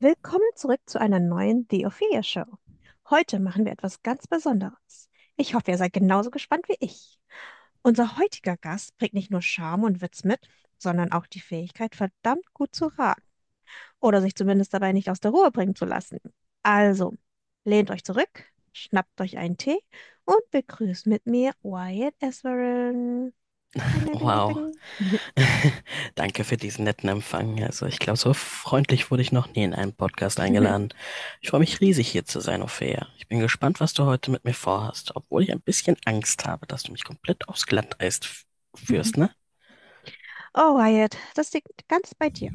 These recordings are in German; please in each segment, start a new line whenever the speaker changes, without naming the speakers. Willkommen zurück zu einer neuen The Ophelia Show. Heute machen wir etwas ganz Besonderes. Ich hoffe, ihr seid genauso gespannt wie ich. Unser heutiger Gast bringt nicht nur Charme und Witz mit, sondern auch die Fähigkeit, verdammt gut zu raten oder sich zumindest dabei nicht aus der Ruhe bringen zu lassen. Also, lehnt euch zurück, schnappt euch einen Tee und begrüßt mit mir Wyatt Esperen. Ding, ding, ding,
Wow.
ding,
Danke für diesen netten Empfang. Also ich glaube, so freundlich wurde ich noch nie in einen Podcast eingeladen. Ich freue mich riesig, hier zu sein, Ophäa. Ich bin gespannt, was du heute mit mir vorhast, obwohl ich ein bisschen Angst habe, dass du mich komplett aufs Glatteis f-
ding.
führst, ne?
Oh, Wyatt, das liegt ganz bei dir.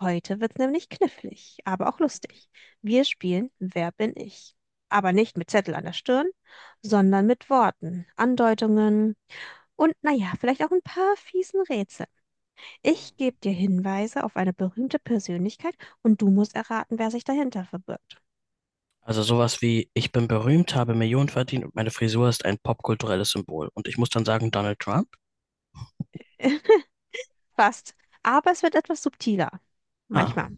Heute wird's nämlich knifflig, aber auch lustig. Wir spielen „Wer bin ich?" Aber nicht mit Zettel an der Stirn, sondern mit Worten, Andeutungen und naja, vielleicht auch ein paar fiesen Rätsel. Ich gebe dir Hinweise auf eine berühmte Persönlichkeit und du musst erraten, wer sich dahinter verbirgt.
Also sowas wie, ich bin berühmt, habe Millionen verdient und meine Frisur ist ein popkulturelles Symbol. Und ich muss dann sagen, Donald Trump?
Fast. Aber es wird etwas subtiler.
Ah,
Manchmal.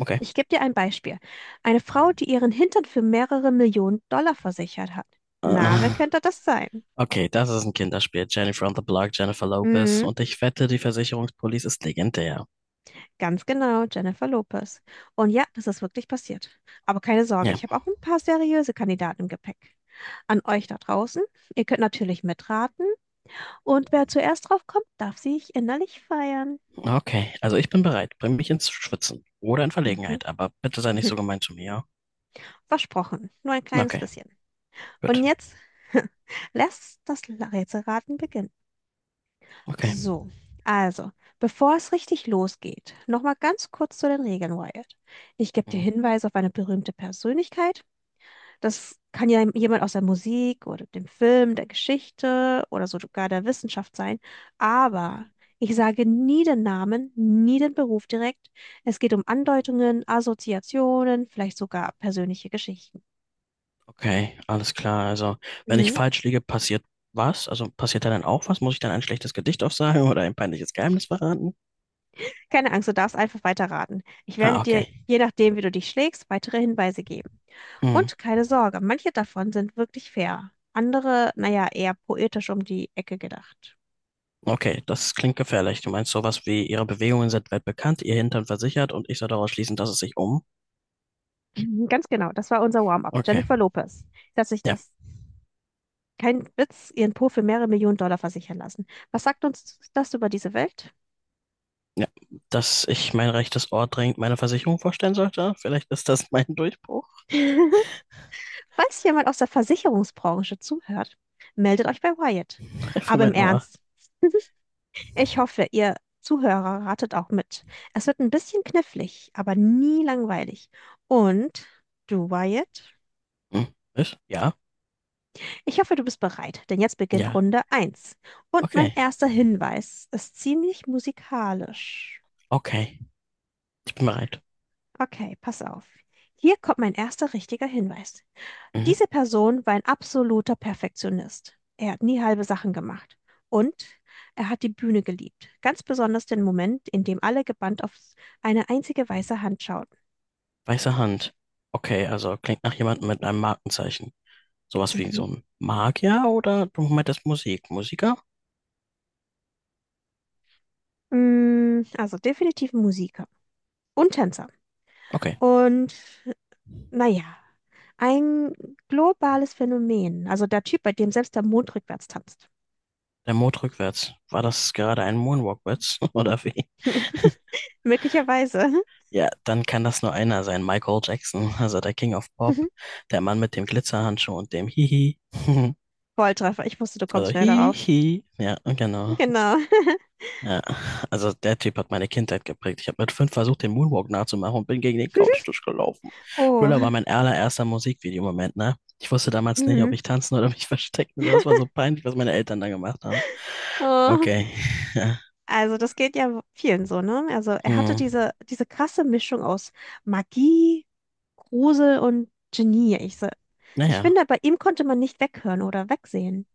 okay.
Ich gebe dir ein Beispiel. Eine Frau, die ihren Hintern für mehrere Millionen Dollar versichert hat. Na, wer
Äh,
könnte das sein?
Okay, das ist ein Kinderspiel. Jennifer on the Block, Jennifer Lopez.
Hm?
Und ich wette, die Versicherungspolice ist legendär.
Ganz genau, Jennifer Lopez. Und ja, das ist wirklich passiert. Aber keine Sorge,
Ja.
ich habe auch ein paar seriöse Kandidaten im Gepäck. An euch da draußen, ihr könnt natürlich mitraten, und wer zuerst drauf kommt, darf sich innerlich feiern.
Okay, also ich bin bereit. Bring mich ins Schwitzen oder in
Mhm.
Verlegenheit, aber bitte sei nicht so gemein zu mir. Ja?
Versprochen, nur ein kleines
Okay,
bisschen. Und
gut.
jetzt lässt das Rätselraten beginnen.
Okay.
So, also, bevor es richtig losgeht, nochmal ganz kurz zu den Regeln, Wyatt. Ich gebe dir
Mhm.
Hinweise auf eine berühmte Persönlichkeit. Das kann ja jemand aus der Musik oder dem Film, der Geschichte oder sogar der Wissenschaft sein. Aber ich sage nie den Namen, nie den Beruf direkt. Es geht um Andeutungen, Assoziationen, vielleicht sogar persönliche Geschichten.
Okay, alles klar. Also, wenn ich
Mhm.
falsch liege, passiert was? Also, passiert da dann auch was? Muss ich dann ein schlechtes Gedicht aufsagen oder ein peinliches Geheimnis verraten?
Keine Angst, du darfst einfach weiterraten. Ich werde
Ah,
dir,
okay.
je nachdem, wie du dich schlägst, weitere Hinweise geben.
Hm.
Und keine Sorge, manche davon sind wirklich fair. Andere, naja, eher poetisch um die Ecke gedacht.
Okay, das klingt gefährlich. Du meinst sowas wie, ihre Bewegungen sind weit bekannt, ihr Hintern versichert und ich soll daraus schließen, dass es sich um.
Mhm, ganz genau, das war unser Warm-up.
Okay,
Jennifer Lopez. Dass ich
ja,
das. Kein Witz, ihren Po für mehrere Millionen Dollar versichern lassen. Was sagt uns das über diese Welt?
ja. Dass ich mein rechtes Ohr dringend meiner Versicherung vorstellen sollte? Vielleicht ist das mein Durchbruch?
Falls jemand aus der Versicherungsbranche zuhört, meldet euch bei Wyatt.
Für
Aber im
mein Ohr.
Ernst, ich hoffe, ihr Zuhörer ratet auch mit. Es wird ein bisschen knifflig, aber nie langweilig. Und du, Wyatt?
Hm. Was? Ja?
Ich hoffe, du bist bereit, denn jetzt beginnt
Ja.
Runde eins. Und mein
Okay.
erster Hinweis ist ziemlich musikalisch.
Okay. Ich bin bereit.
Okay, pass auf. Hier kommt mein erster richtiger Hinweis.
Mhm.
Diese Person war ein absoluter Perfektionist. Er hat nie halbe Sachen gemacht. Und er hat die Bühne geliebt. Ganz besonders den Moment, in dem alle gebannt auf eine einzige weiße Hand schauten.
Weiße Hand. Okay, also klingt nach jemandem mit einem Markenzeichen. Sowas wie
Mhm.
so ein Magier oder du meintest Musik? Musiker?
Also definitiv ein Musiker und Tänzer.
Okay.
Und naja, ein globales Phänomen. Also der Typ, bei dem selbst der Mond rückwärts tanzt.
Der Mond rückwärts. War das gerade ein Moonwalkwitz oder wie?
Möglicherweise.
Ja, dann kann das nur einer sein. Michael Jackson, also der King of Pop. Der Mann mit dem Glitzerhandschuh und dem Hihi.
Volltreffer. Ich wusste, du
Also
kommst schnell darauf.
Hihi. Ja, genau.
Genau.
Ja, also der Typ hat meine Kindheit geprägt. Ich habe mit fünf versucht, den Moonwalk nachzumachen und bin gegen den Couchtisch gelaufen.
Oh.
Thriller war mein allererster Musikvideomoment, ne? Ich wusste damals nicht, ob
Mhm.
ich tanzen oder mich verstecken soll. Es war so peinlich, was meine Eltern da gemacht haben.
Oh.
Okay. Ja.
Also das geht ja vielen so, ne? Also er hatte
Hm.
diese krasse Mischung aus Magie, Grusel und Genie. Ich
Naja.
finde, bei ihm konnte man nicht weghören oder wegsehen.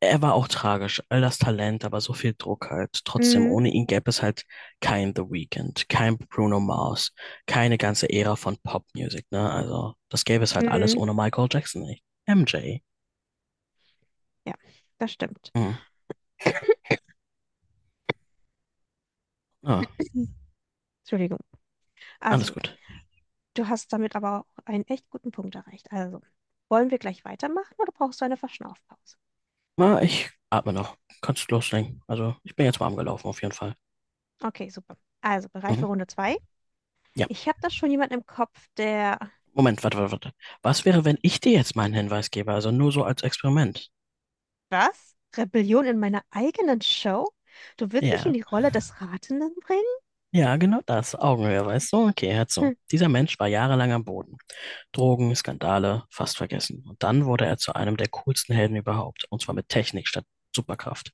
Er war auch tragisch, all das Talent, aber so viel Druck halt. Trotzdem,
Mm,
ohne ihn gäbe es halt kein The Weeknd, kein Bruno Mars, keine ganze Ära von Popmusik, ne? Also, das gäbe es halt alles
mm,
ohne Michael Jackson nicht. MJ.
ja, das stimmt.
Hm. Ah,
Entschuldigung.
alles
Also
gut.
du hast damit aber auch einen echt guten Punkt erreicht. Also wollen wir gleich weitermachen oder brauchst du eine Verschnaufpause?
Na, ich atme noch. Kannst loslegen. Also, ich bin jetzt warm gelaufen, auf jeden Fall.
Okay, super. Also bereit
Mhm.
für Runde zwei?
Ja.
Ich habe da schon jemanden im Kopf, der...
Moment, warte. Was wäre, wenn ich dir jetzt meinen Hinweis gebe? Also nur so als Experiment.
Was? Rebellion in meiner eigenen Show? Du willst mich in
Ja,
die Rolle des Ratenden bringen?
ja, genau das. Augenhöhe, weißt du? Okay, hör zu.
Hm.
Dieser Mensch war jahrelang am Boden. Drogen, Skandale, fast vergessen. Und dann wurde er zu einem der coolsten Helden überhaupt. Und zwar mit Technik statt Superkraft.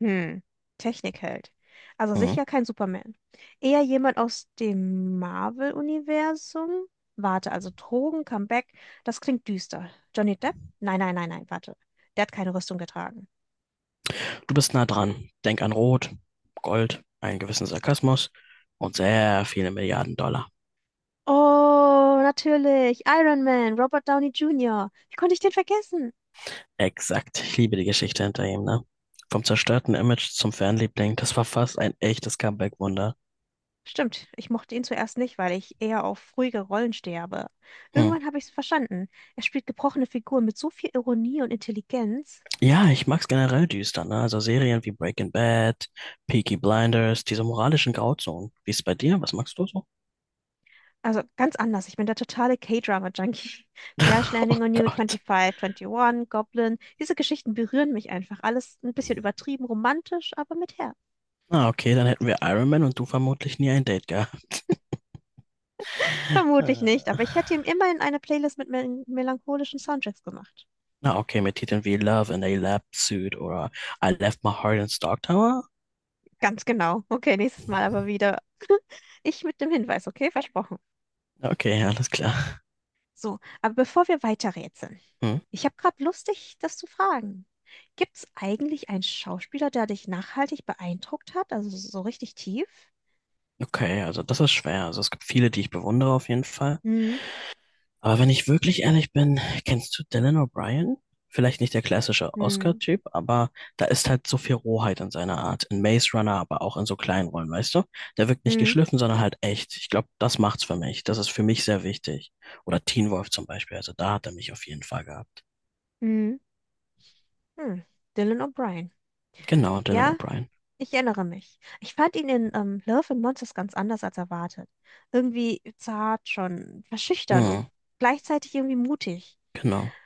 Hm. Technikheld. Also
Mhm.
sicher kein Superman. Eher jemand aus dem Marvel-Universum? Warte, also Drogen, Comeback, das klingt düster. Johnny Depp? Nein, nein, nein, nein, warte. Der hat keine Rüstung getragen.
Du bist nah dran. Denk an Rot, Gold, einen gewissen Sarkasmus und sehr viele Milliarden Dollar.
Oh, natürlich. Iron Man, Robert Downey Jr. Wie konnte ich den vergessen?
Exakt. Ich liebe die Geschichte hinter ihm, ne? Vom zerstörten Image zum Fanliebling, das war fast ein echtes Comeback-Wunder.
Stimmt, ich mochte ihn zuerst nicht, weil ich eher auf ruhige Rollen stehe, aber
Hm.
irgendwann habe ich es verstanden. Er spielt gebrochene Figuren mit so viel Ironie und Intelligenz.
Ja, ich mag's generell düster, ne? Also Serien wie Breaking Bad, Peaky Blinders, diese moralischen Grauzonen. Wie ist bei dir? Was magst du so?
Also ganz anders. Ich bin der totale K-Drama-Junkie. Crash
Oh
Landing on You,
Gott.
25, 21, Goblin. Diese Geschichten berühren mich einfach. Alles ein bisschen übertrieben, romantisch, aber mit Herz.
Na, okay, dann hätten wir Iron Man und du vermutlich nie ein Date gehabt.
Vermutlich nicht, aber ich hätte
Äh,
ihm immerhin eine Playlist mit melancholischen Soundtracks gemacht.
Na, okay, mit Titeln wie Love in a Lab Suit oder I Left My Heart in Stark Tower?
Ganz genau. Okay, nächstes Mal aber wieder. Ich mit dem Hinweis, okay? Versprochen.
Okay, alles klar.
So, aber bevor wir weiterrätseln,
Hm.
ich habe gerade Lust, dich das zu fragen. Gibt es eigentlich einen Schauspieler, der dich nachhaltig beeindruckt hat, also so richtig tief?
Okay, also das ist schwer. Also es gibt viele, die ich bewundere auf jeden Fall.
Hm,
Aber wenn ich wirklich ehrlich bin, kennst du Dylan O'Brien? Vielleicht nicht der klassische
hm,
Oscar-Typ, aber da ist halt so viel Rohheit in seiner Art. In Maze Runner, aber auch in so kleinen Rollen, weißt du? Der wirkt nicht
hm,
geschliffen, sondern halt echt. Ich glaube, das macht's für mich. Das ist für mich sehr wichtig. Oder Teen Wolf zum Beispiel. Also da hat er mich auf jeden Fall gehabt.
hm, hm. Dylan O'Brien.
Genau, Dylan
Ja,
O'Brien.
ich erinnere mich. Ich fand ihn in Love and Monsters ganz anders als erwartet. Irgendwie zart, schon verschüchtern und
Hm,
gleichzeitig irgendwie mutig.
genau.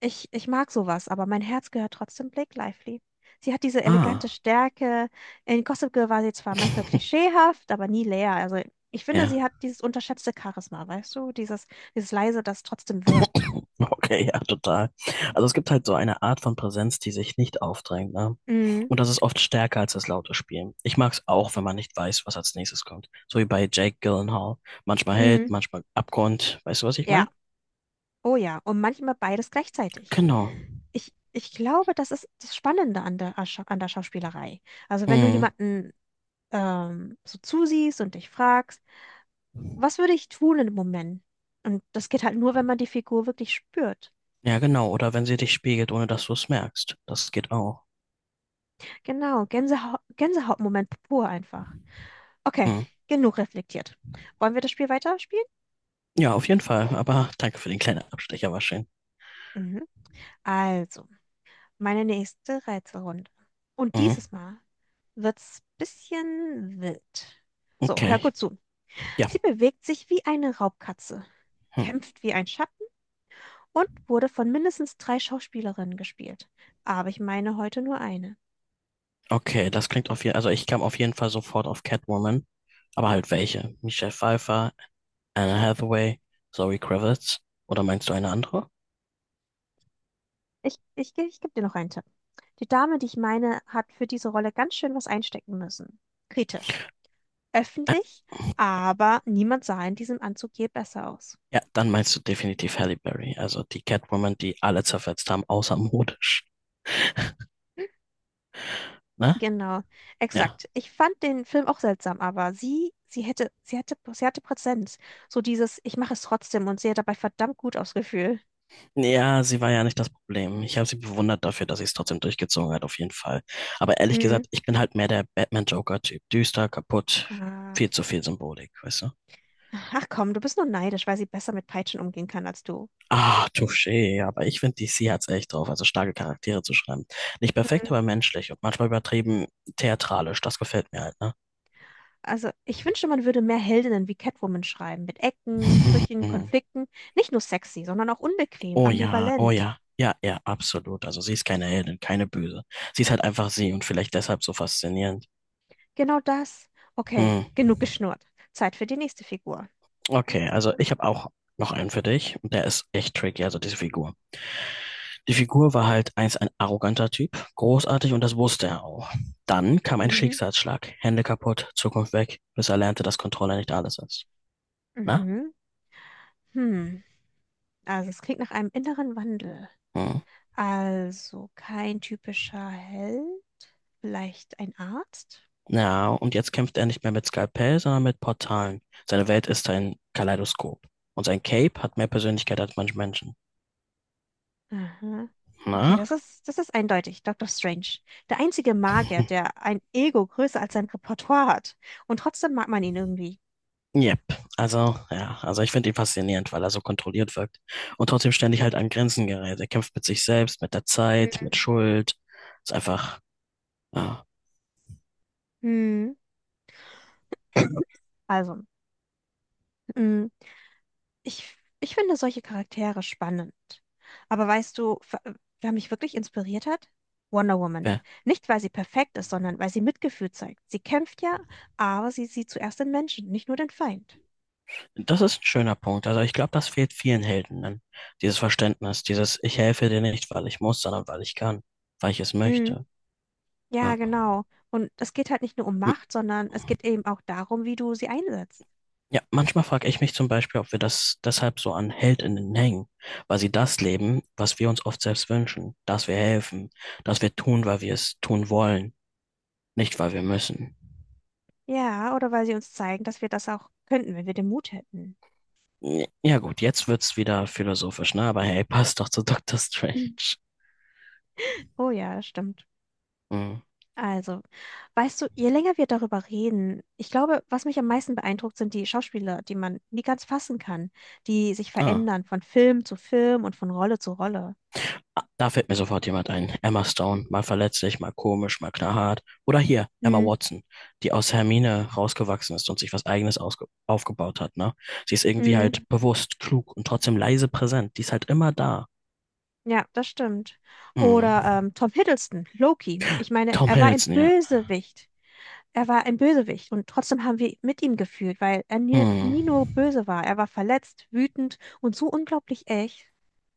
Ich mag sowas, aber mein Herz gehört trotzdem Blake Lively. Sie hat diese elegante
Ah.
Stärke. In Gossip Girl war sie zwar manchmal klischeehaft, aber nie leer. Also ich finde, sie
Ja.
hat dieses unterschätzte Charisma, weißt du? Dieses leise, das trotzdem wirkt.
Okay, ja, total. Also es gibt halt so eine Art von Präsenz, die sich nicht aufdrängt, ne?
Mhm.
Und das ist oft stärker als das laute Spielen. Ich mag es auch, wenn man nicht weiß, was als nächstes kommt. So wie bei Jake Gyllenhaal. Manchmal hält,
Mhm.
manchmal abgrund. Weißt du, was ich
Ja,
meine?
oh ja. Und manchmal beides gleichzeitig.
Genau.
Ich glaube, das ist das Spannende an an der Schauspielerei. Also wenn du
Hm.
jemanden so zusiehst und dich fragst, was würde ich tun in dem Moment? Und das geht halt nur, wenn man die Figur wirklich spürt.
Ja, genau. Oder wenn sie dich spiegelt, ohne dass du es merkst. Das geht auch.
Genau, Gänsehautmoment pur einfach. Okay,
Hm.
genug reflektiert. Wollen wir das Spiel weiterspielen?
Ja, auf jeden Fall. Aber danke für den kleinen Abstecher, war schön.
Mhm. Also, meine nächste Rätselrunde. Und
Mhm.
dieses Mal wird's bisschen wild. So, hör
Okay.
gut zu.
Ja.
Sie bewegt sich wie eine Raubkatze,
Hm.
kämpft wie ein Schatten und wurde von mindestens drei Schauspielerinnen gespielt. Aber ich meine heute nur eine.
Okay, das klingt auf jeden Fall. Also ich kam auf jeden Fall sofort auf Catwoman. Aber halt welche? Michelle Pfeiffer, Anne Hathaway, Zoe Kravitz. Oder meinst du eine andere?
Ich gebe dir noch einen Tipp. Die Dame, die ich meine, hat für diese Rolle ganz schön was einstecken müssen. Kritisch.
Äh,
Öffentlich, aber niemand sah in diesem Anzug je besser aus.
Ja, dann meinst du definitiv Halle Berry, also die Catwoman, die alle zerfetzt haben, außer modisch, ne?
Genau,
Ja.
exakt. Ich fand den Film auch seltsam, aber sie hatte Präsenz. So dieses, ich mache es trotzdem, und sie hat dabei verdammt gut ausgefühlt.
Ja, sie war ja nicht das Problem. Ich habe sie bewundert dafür, dass sie es trotzdem durchgezogen hat, auf jeden Fall. Aber ehrlich
Mhm.
gesagt, ich bin halt mehr der Batman-Joker-Typ. Düster, kaputt,
Ah.
viel zu viel Symbolik, weißt du?
Ach komm, du bist nur neidisch, weil sie besser mit Peitschen umgehen kann als du.
Ah, touché, aber ich finde, DC hat's echt drauf, also starke Charaktere zu schreiben. Nicht perfekt, aber menschlich und manchmal übertrieben theatralisch. Das gefällt mir halt, ne?
Also, ich wünschte, man würde mehr Heldinnen wie Catwoman schreiben, mit Ecken, Brüchen,
Hm.
Konflikten. Nicht nur sexy, sondern auch unbequem,
Oh ja, oh
ambivalent.
ja. Ja, ja, absolut. Also sie ist keine Heldin, keine Böse. Sie ist halt einfach sie und vielleicht deshalb so faszinierend.
Genau das. Okay,
Hm.
genug geschnurrt. Zeit für die nächste Figur.
Okay, also ich habe auch noch einen für dich und der ist echt tricky, also diese Figur. Die Figur war halt einst ein arroganter Typ, großartig und das wusste er auch. Dann kam ein
Mhm.
Schicksalsschlag, Hände kaputt, Zukunft weg, bis er lernte, dass Kontrolle nicht alles ist. Na?
Mhm. Hm. Also, es klingt nach einem inneren Wandel.
Hm.
Also, kein typischer Held. Vielleicht ein Arzt?
Ja, und jetzt kämpft er nicht mehr mit Skalpell, sondern mit Portalen. Seine Welt ist ein Kaleidoskop. Und sein Cape hat mehr Persönlichkeit als manche Menschen.
Aha. Okay,
Na?
das ist eindeutig. Dr. Strange. Der einzige Magier, der ein Ego größer als sein Repertoire hat. Und trotzdem mag man ihn irgendwie.
Yep. Also, ja, also ich finde ihn faszinierend, weil er so kontrolliert wirkt. Und trotzdem ständig halt an Grenzen gerät. Er kämpft mit sich selbst, mit der Zeit, mit Schuld. Ist einfach, ja,
Mhm. Also, mm, ich finde solche Charaktere spannend. Aber weißt du, wer mich wirklich inspiriert hat? Wonder Woman.
wer-
Nicht, weil sie perfekt ist, sondern weil sie Mitgefühl zeigt. Sie kämpft ja, aber sie sieht zuerst den Menschen, nicht nur den Feind.
das ist ein schöner Punkt. Also ich glaube, das fehlt vielen Helden. Dann. Dieses Verständnis, dieses Ich helfe dir nicht, weil ich muss, sondern weil ich kann, weil ich es
Mm,
möchte.
Ja,
Ja.
genau. Und es geht halt nicht nur um Macht, sondern es geht eben auch darum, wie du sie einsetzt.
Ja, manchmal frage ich mich zum Beispiel, ob wir das deshalb so an Heldinnen hängen, weil sie das leben, was wir uns oft selbst wünschen, dass wir helfen, dass wir tun, weil wir es tun wollen, nicht weil wir müssen.
Ja, oder weil sie uns zeigen, dass wir das auch könnten, wenn wir den Mut hätten.
Ja ja gut, jetzt wird's wieder philosophisch, ne? Aber hey, passt doch zu Doctor Strange.
Oh ja, das stimmt.
Mhm.
Also, weißt du, je länger wir darüber reden, ich glaube, was mich am meisten beeindruckt, sind die Schauspieler, die man nie ganz fassen kann, die sich
Ah.
verändern von Film zu Film und von Rolle zu Rolle.
Ah, da fällt mir sofort jemand ein. Emma Stone, mal verletzlich, mal komisch, mal knallhart. Oder hier, Emma
Hm,
Watson, die aus Hermine rausgewachsen ist und sich was Eigenes aufgebaut hat, ne? Sie ist irgendwie
hm.
halt bewusst, klug und trotzdem leise präsent. Die ist halt immer da.
Ja, das stimmt.
Hm.
Oder Tom Hiddleston, Loki. Ich meine,
Tom
er war ein
Hiddleston, ja.
Bösewicht. Er war ein Bösewicht und trotzdem haben wir mit ihm gefühlt, weil er nie,
Hm.
nie nur böse war. Er war verletzt, wütend und so unglaublich echt.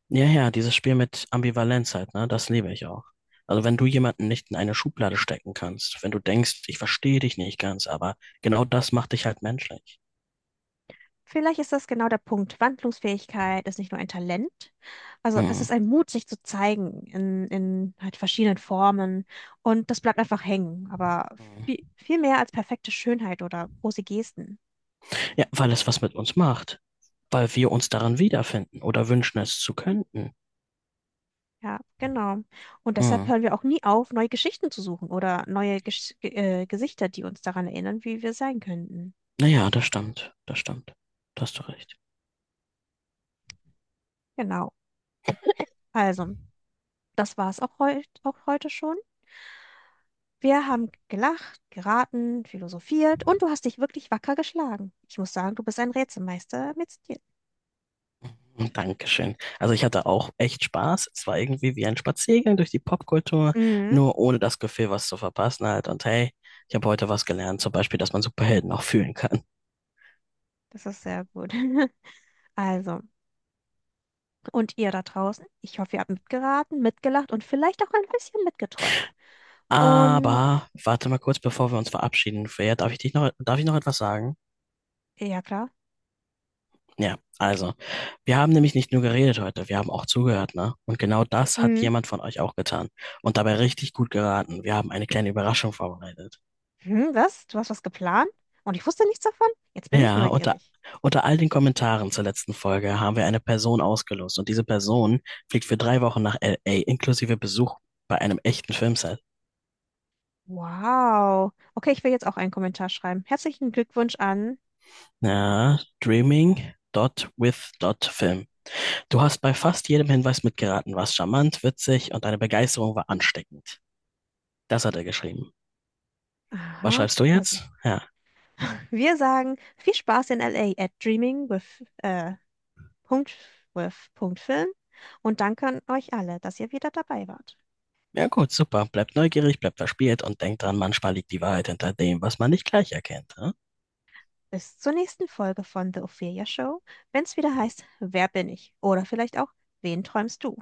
Ja, ja, dieses Spiel mit Ambivalenz halt, ne? Das liebe ich auch. Also wenn du jemanden nicht in eine Schublade stecken kannst, wenn du denkst, ich verstehe dich nicht ganz, aber genau das macht dich halt menschlich.
Vielleicht ist das genau der Punkt. Wandlungsfähigkeit ist nicht nur ein Talent, also es
Hm.
ist ein Mut, sich zu zeigen in halt verschiedenen Formen, und das bleibt einfach hängen, aber viel mehr als perfekte Schönheit oder große Gesten.
Ja, weil es was mit uns macht. Weil wir uns darin wiederfinden oder wünschen es zu könnten.
Ja, genau. Und deshalb
Hm.
hören wir auch nie auf, neue Geschichten zu suchen oder neue Gesichter, die uns daran erinnern, wie wir sein könnten.
Naja, das stimmt, das stimmt. Da hast du recht.
Genau. Also, das war es auch, auch heute schon. Wir haben gelacht, geraten, philosophiert und du hast dich wirklich wacker geschlagen. Ich muss sagen, du bist ein Rätselmeister mit Stil.
Hm, dankeschön. Also ich hatte auch echt Spaß. Es war irgendwie wie ein Spaziergang durch die Popkultur,
Mhm,
nur ohne das Gefühl, was zu verpassen halt. Und hey, ich habe heute was gelernt, zum Beispiel, dass man Superhelden auch fühlen kann.
das ist sehr gut. Also, und ihr da draußen, ich hoffe, ihr habt mitgeraten, mitgelacht und vielleicht auch ein bisschen mitgeträumt. Und
Aber warte mal kurz, bevor wir uns verabschieden, Freya, darf ich noch etwas sagen?
ja, klar.
Ja, also, wir haben nämlich nicht nur geredet heute, wir haben auch zugehört, ne? Und genau das hat
Mhm.
jemand von euch auch getan. Und dabei richtig gut geraten. Wir haben eine kleine Überraschung vorbereitet.
Hm, was? Du hast was geplant? Und ich wusste nichts davon? Jetzt bin ich
Ja,
neugierig.
unter all den Kommentaren zur letzten Folge haben wir eine Person ausgelost. Und diese Person fliegt für 3 Wochen nach LA, inklusive Besuch bei einem echten Filmset.
Wow. Okay, ich will jetzt auch einen Kommentar schreiben. Herzlichen Glückwunsch an...
Ja, Dreaming. Dot with dot Film. Du hast bei fast jedem Hinweis mitgeraten, warst charmant, witzig und deine Begeisterung war ansteckend. Das hat er geschrieben. Was
Aha.
schreibst du
Also.
jetzt? Ja.
Wir sagen viel Spaß in LA at Dreaming with, Punkt, with Punkt Film, und danke an euch alle, dass ihr wieder dabei wart.
Ja gut, super. Bleibt neugierig, bleibt verspielt und denkt dran, manchmal liegt die Wahrheit hinter dem, was man nicht gleich erkennt. Ne?
Bis zur nächsten Folge von The Ophelia Show, wenn es wieder heißt, „Wer bin ich?" Oder vielleicht auch, „Wen träumst du?"